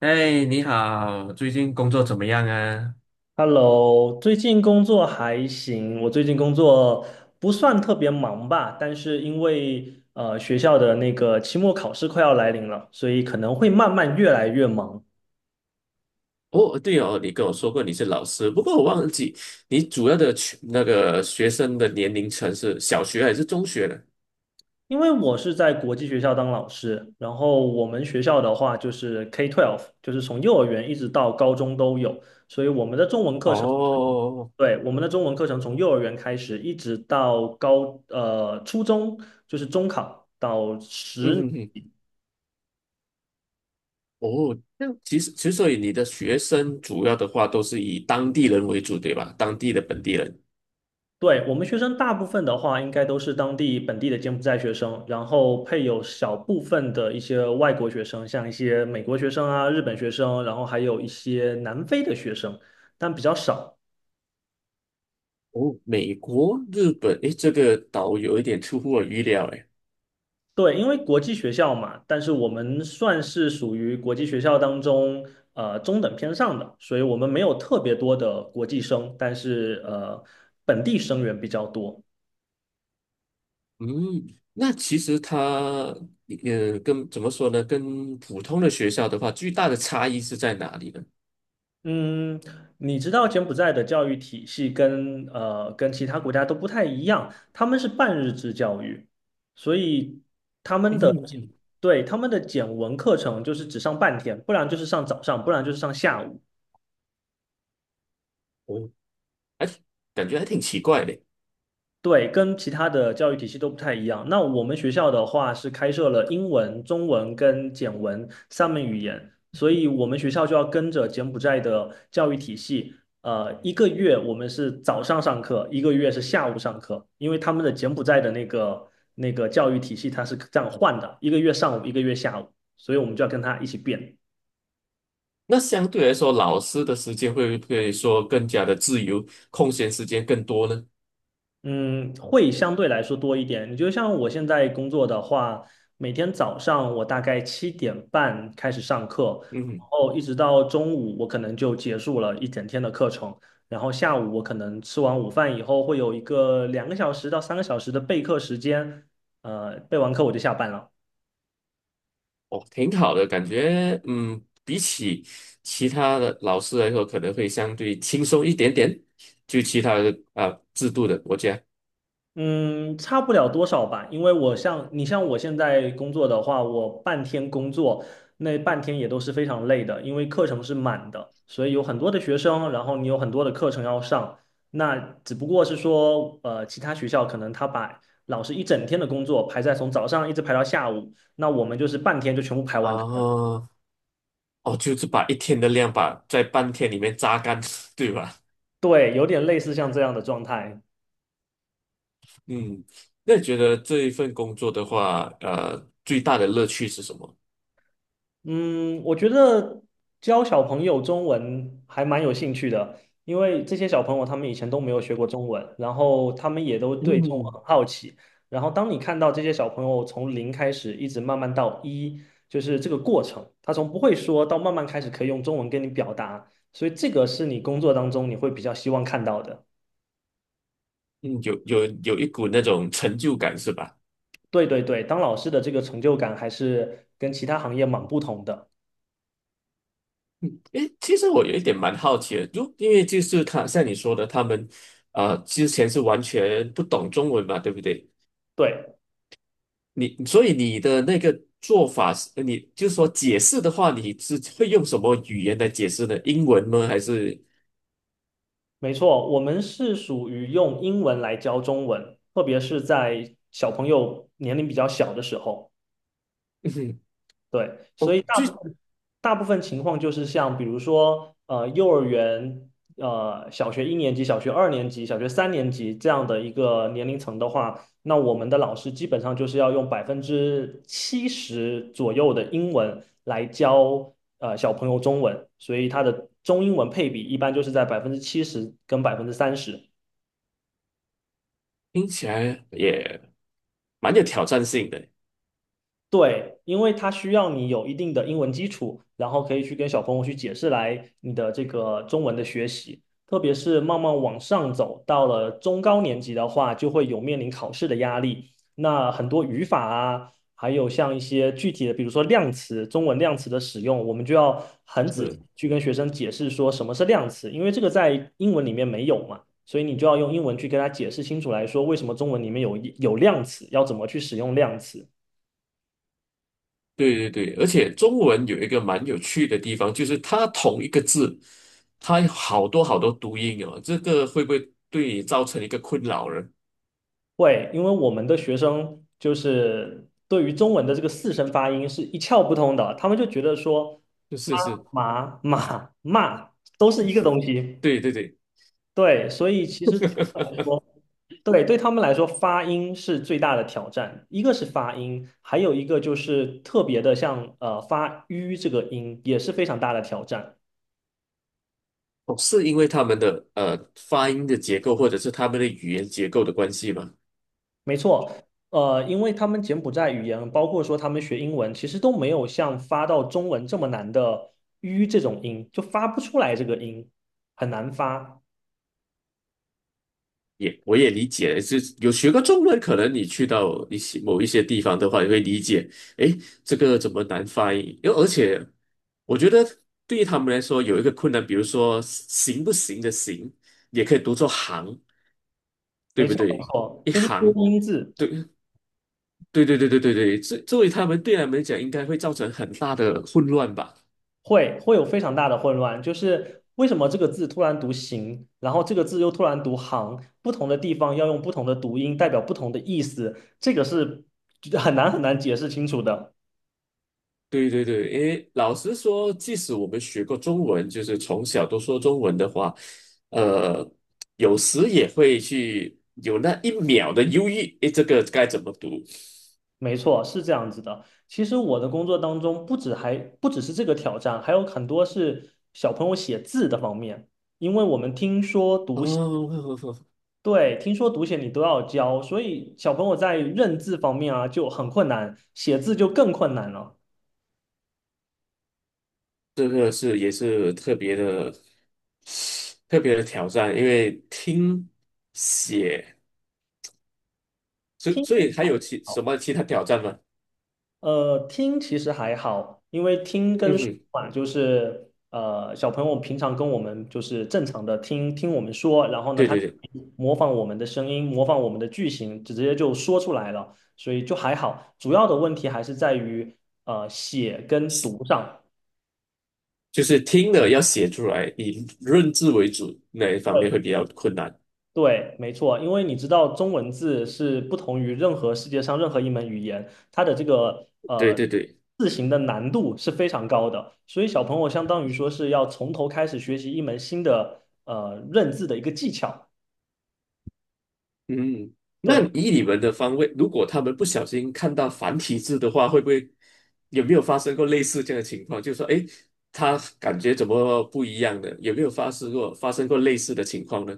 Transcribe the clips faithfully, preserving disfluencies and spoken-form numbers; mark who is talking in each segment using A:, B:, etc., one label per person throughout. A: 哎，你好，最近工作怎么样啊？
B: Hello，最近工作还行，我最近工作不算特别忙吧，但是因为呃学校的那个期末考试快要来临了，所以可能会慢慢越来越忙。
A: 哦，对哦，你跟我说过你是老师，不过我忘记你主要的群那个学生的年龄层是小学还是中学呢？
B: 因为我是在国际学校当老师，然后我们学校的话就是 K 十二，就是从幼儿园一直到高中都有，所以我们的中文课程，
A: 哦，
B: 对，我们的中文课程从幼儿园开始一直到高呃初中，就是中考到
A: 嗯
B: 十。
A: 哼哼。哦，那其实其实所以你的学生主要的话都是以当地人为主，对吧？当地的本地人。
B: 对，我们学生大部分的话，应该都是当地本地的柬埔寨学生，然后配有小部分的一些外国学生，像一些美国学生啊、日本学生，然后还有一些南非的学生，但比较少。
A: 哦，美国、日本，诶，这个岛有一点出乎我预料，诶。
B: 对，因为国际学校嘛，但是我们算是属于国际学校当中呃中等偏上的，所以我们没有特别多的国际生，但是呃本地生源比较多。
A: 嗯，那其实它，呃，跟怎么说呢？跟普通的学校的话，最大的差异是在哪里呢？
B: 嗯，你知道柬埔寨的教育体系跟呃跟其他国家都不太一样，他们是半日制教育，所以他们
A: 嗯
B: 的
A: 哼嗯哼。
B: 对，他们的简文课程就是只上半天，不然就是上早上，不然就是上下午。
A: 我哎，感觉还挺奇怪的。
B: 对，跟其他的教育体系都不太一样。那我们学校的话是开设了英文、中文跟简文三门语言，所以我们学校就要跟着柬埔寨的教育体系。呃，一个月我们是早上上课，一个月是下午上课，因为他们的柬埔寨的那个那个教育体系它是这样换的，一个月上午，一个月下午，所以我们就要跟他一起变。
A: 那相对来说，老师的时间会不会说更加的自由，空闲时间更多呢？
B: 嗯，会相对来说多一点。你就像我现在工作的话，每天早上我大概七点半开始上课，
A: 嗯
B: 然
A: 哼。
B: 后一直到中午，我可能就结束了一整天的课程。然后下午我可能吃完午饭以后，会有一个两个小时到三个小时的备课时间，呃，备完课我就下班了。
A: 哦，挺好的，感觉，嗯，比起其他的老师来说，可能会相对轻松一点点，就其他的啊、制度的国家
B: 嗯，差不了多少吧，因为我像你像我现在工作的话，我半天工作，那半天也都是非常累的，因为课程是满的，所以有很多的学生，然后你有很多的课程要上。那只不过是说，呃，其他学校可能他把老师一整天的工作排在从早上一直排到下午，那我们就是半天就全部排完它了。
A: 啊。哦，就是把一天的量把在半天里面榨干，对吧？
B: 对，有点类似像这样的状态。
A: 嗯，那你觉得这一份工作的话，呃，最大的乐趣是什么？
B: 嗯，我觉得教小朋友中文还蛮有兴趣的，因为这些小朋友他们以前都没有学过中文，然后他们也都对中文
A: 嗯
B: 很好奇。然后当你看到这些小朋友从零开始，一直慢慢到一，就是这个过程，他从不会说到慢慢开始可以用中文跟你表达，所以这个是你工作当中你会比较希望看到的。
A: 嗯，有有有一股那种成就感是吧？
B: 对对对，当老师的这个成就感还是跟其他行业蛮不同的。
A: 嗯，诶，其实我有一点蛮好奇的，就因为就是他像你说的，他们呃之前是完全不懂中文嘛，对不对？
B: 对。
A: 你所以你的那个做法是，你就是说解释的话，你是会用什么语言来解释呢？英文吗？还是？
B: 没错，我们是属于用英文来教中文，特别是在小朋友年龄比较小的时候，
A: 嗯哼。
B: 对，所
A: 哦，
B: 以大
A: 就
B: 部分大部分情况就是像比如说呃幼儿园、呃小学一年级、小学二年级、小学三年级这样的一个年龄层的话，那我们的老师基本上就是要用百分之七十左右的英文来教呃小朋友中文，所以他的中英文配比一般就是在百分之七十跟百分之三十。
A: 听起来也蛮有挑战性的。
B: 对，因为它需要你有一定的英文基础，然后可以去跟小朋友去解释来你的这个中文的学习，特别是慢慢往上走，到了中高年级的话，就会有面临考试的压力。那很多语法啊，还有像一些具体的，比如说量词，中文量词的使用，我们就要很仔
A: 是，
B: 细去跟学生解释说什么是量词，因为这个在英文里面没有嘛，所以你就要用英文去跟他解释清楚来说，为什么中文里面有有量词，要怎么去使用量词。
A: 对对对，而且中文有一个蛮有趣的地方，就是它同一个字，它有好多好多读音哦。这个会不会对你造成一个困扰呢？
B: 会，因为我们的学生就是对于中文的这个四声发音是一窍不通的，他们就觉得说
A: 就是
B: 妈、
A: 是，
B: 妈马、骂都是一个东西。
A: 对对对。
B: 对，所以其实对他们来说，对对他们来说，发音是最大的挑战。一个是发音，还有一个就是特别的像呃发吁这个音也是非常大的挑战。
A: 哦，是因为他们的呃发音的结构，或者是他们的语言结构的关系吗？
B: 没错，呃，因为他们柬埔寨语言，包括说他们学英文，其实都没有像发到中文这么难的 "ü" 这种音，就发不出来这个音，很难发。
A: 也我也理解，就是有学过中文，可能你去到一些某一些地方的话，你会理解，诶，这个怎么难发音？因为而且我觉得对于他们来说有一个困难，比如说行不行的行，也可以读作行，对
B: 没
A: 不
B: 错，没
A: 对？
B: 错，
A: 一
B: 就是多
A: 行，
B: 音字
A: 对对对对对对对，这作为他们对他们来讲，应该会造成很大的混乱吧？
B: 会会有非常大的混乱，就是为什么这个字突然读行，然后这个字又突然读行，不同的地方要用不同的读音，代表不同的意思，这个是很难很难解释清楚的。
A: 对对对，因为老实说，即使我们学过中文，就是从小都说中文的话，呃，有时也会去有那一秒的犹豫，诶，这个该怎么读？
B: 没错，是这样子的。其实我的工作当中，不止还不只是这个挑战，还有很多是小朋友写字的方面，因为我们听说读写，
A: 哦，
B: 对，听说读写你都要教，所以小朋友在认字方面啊就很困难，写字就更困难了。
A: 这个是也是特别的特别的挑战，因为听写，所以
B: 听。
A: 所以还有其什么其他挑战吗？
B: 呃，听其实还好，因为听
A: 嗯
B: 跟说
A: 哼，
B: 嘛，就是呃，小朋友平常跟我们就是正常的听听我们说，然后呢，
A: 对
B: 他
A: 对对，
B: 模仿我们的声音，模仿我们的句型，直接就说出来了，所以就还好。主要的问题还是在于呃写跟读上。
A: 就是听了要写出来，以认字为主那一方面会比较困难。
B: 对，没错，因为你知道中文字是不同于任何世界上任何一门语言，它的这个
A: 对
B: 呃
A: 对对。
B: 字形的难度是非常高的，所以小朋友相当于说是要从头开始学习一门新的呃认字的一个技巧。
A: 嗯，那
B: 对，
A: 以你们的方位，如果他们不小心看到繁体字的话，会不会有没有发生过类似这样的情况？就是说，诶，他感觉怎么不一样的？有没有发生过发生过类似的情况呢？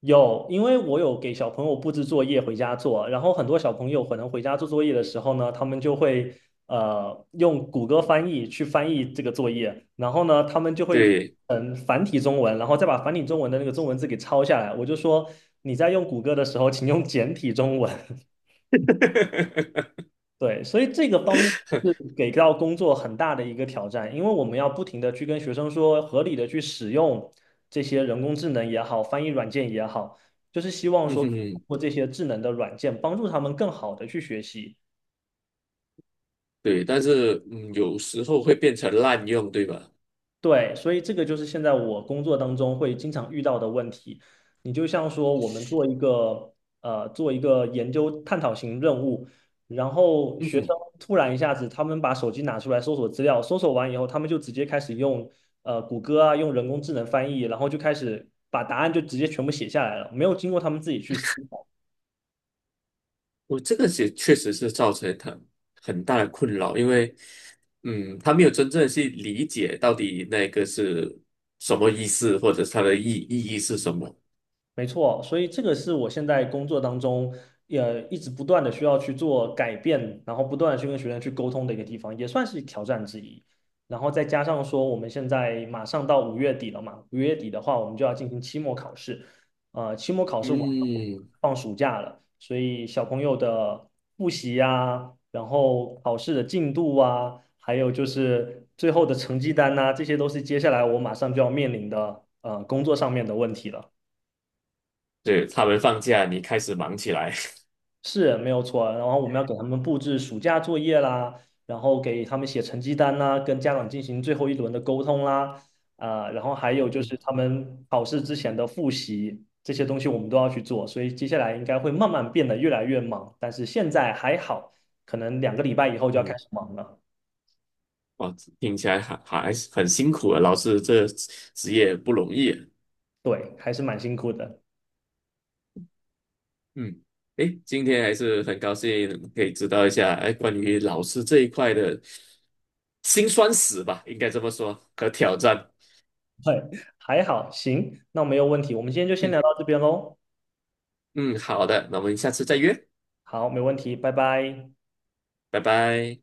B: 有，因为我有给小朋友布置作业回家做，然后很多小朋友可能回家做作业的时候呢，他们就会呃用谷歌翻译去翻译这个作业，然后呢，他们就会
A: 对，
B: 嗯繁体中文，然后再把繁体中文的那个中文字给抄下来。我就说你在用谷歌的时候，请用简体中文。对，所以这个方面是给到工作很大的一个挑战，因为我们要不停的去跟学生说，合理的去使用这些人工智能也好，翻译软件也好，就是希望
A: 嗯
B: 说
A: 哼
B: 通
A: 哼。
B: 过这些智能的软件帮助他们更好的去学习。
A: 对，但是嗯，有时候会变成滥用，对吧？
B: 对，所以这个就是现在我工作当中会经常遇到的问题。你就像说，我们做一个呃，做一个研究探讨型任务，然后
A: 嗯
B: 学生
A: 哼。
B: 突然一下子，他们把手机拿出来搜索资料，搜索完以后，他们就直接开始用呃谷歌啊，用人工智能翻译，然后就开始把答案就直接全部写下来了，没有经过他们自己去思。
A: 我这个也确实是造成他很大的困扰，因为嗯，他没有真正去理解到底那个是什么意思，或者是它的意意义是什么。
B: 没错，所以这个是我现在工作当中，也一直不断的需要去做改变，然后不断的去跟学生去沟通的一个地方，也算是挑战之一。然后再加上说，我们现在马上到五月底了嘛，五月底的话，我们就要进行期末考试，呃，期末考试完了，我们
A: 嗯，
B: 放暑假了，所以小朋友的复习啊，然后考试的进度啊，还有就是最后的成绩单呐、这些都是接下来我马上就要面临的呃工作上面的问题了。
A: 对，他们放假，你开始忙起来。
B: 是没有错啊，然后我们要给他们布置暑假作业啦，然后给他们写成绩单啦，跟家长进行最后一轮的沟通啦，啊、然后还 有就
A: 嗯，
B: 是他们考试之前的复习这些东西我们都要去做，所以接下来应该会慢慢变得越来越忙，但是现在还好，可能两个礼拜以后就要开
A: 嗯，
B: 始忙了，
A: 哇，听起来还还是很辛苦啊，老师这职业不容易啊
B: 对，还是蛮辛苦的
A: 嗯，诶，今天还是很高兴可以知道一下，哎，关于老师这一块的辛酸史吧，应该这么说，和挑战。
B: 对，还好，行，那没有问题，我们今天就先
A: 嗯。
B: 聊到这边喽，
A: 嗯，好的，那我们下次再约，
B: 好，没问题，拜拜。
A: 拜拜。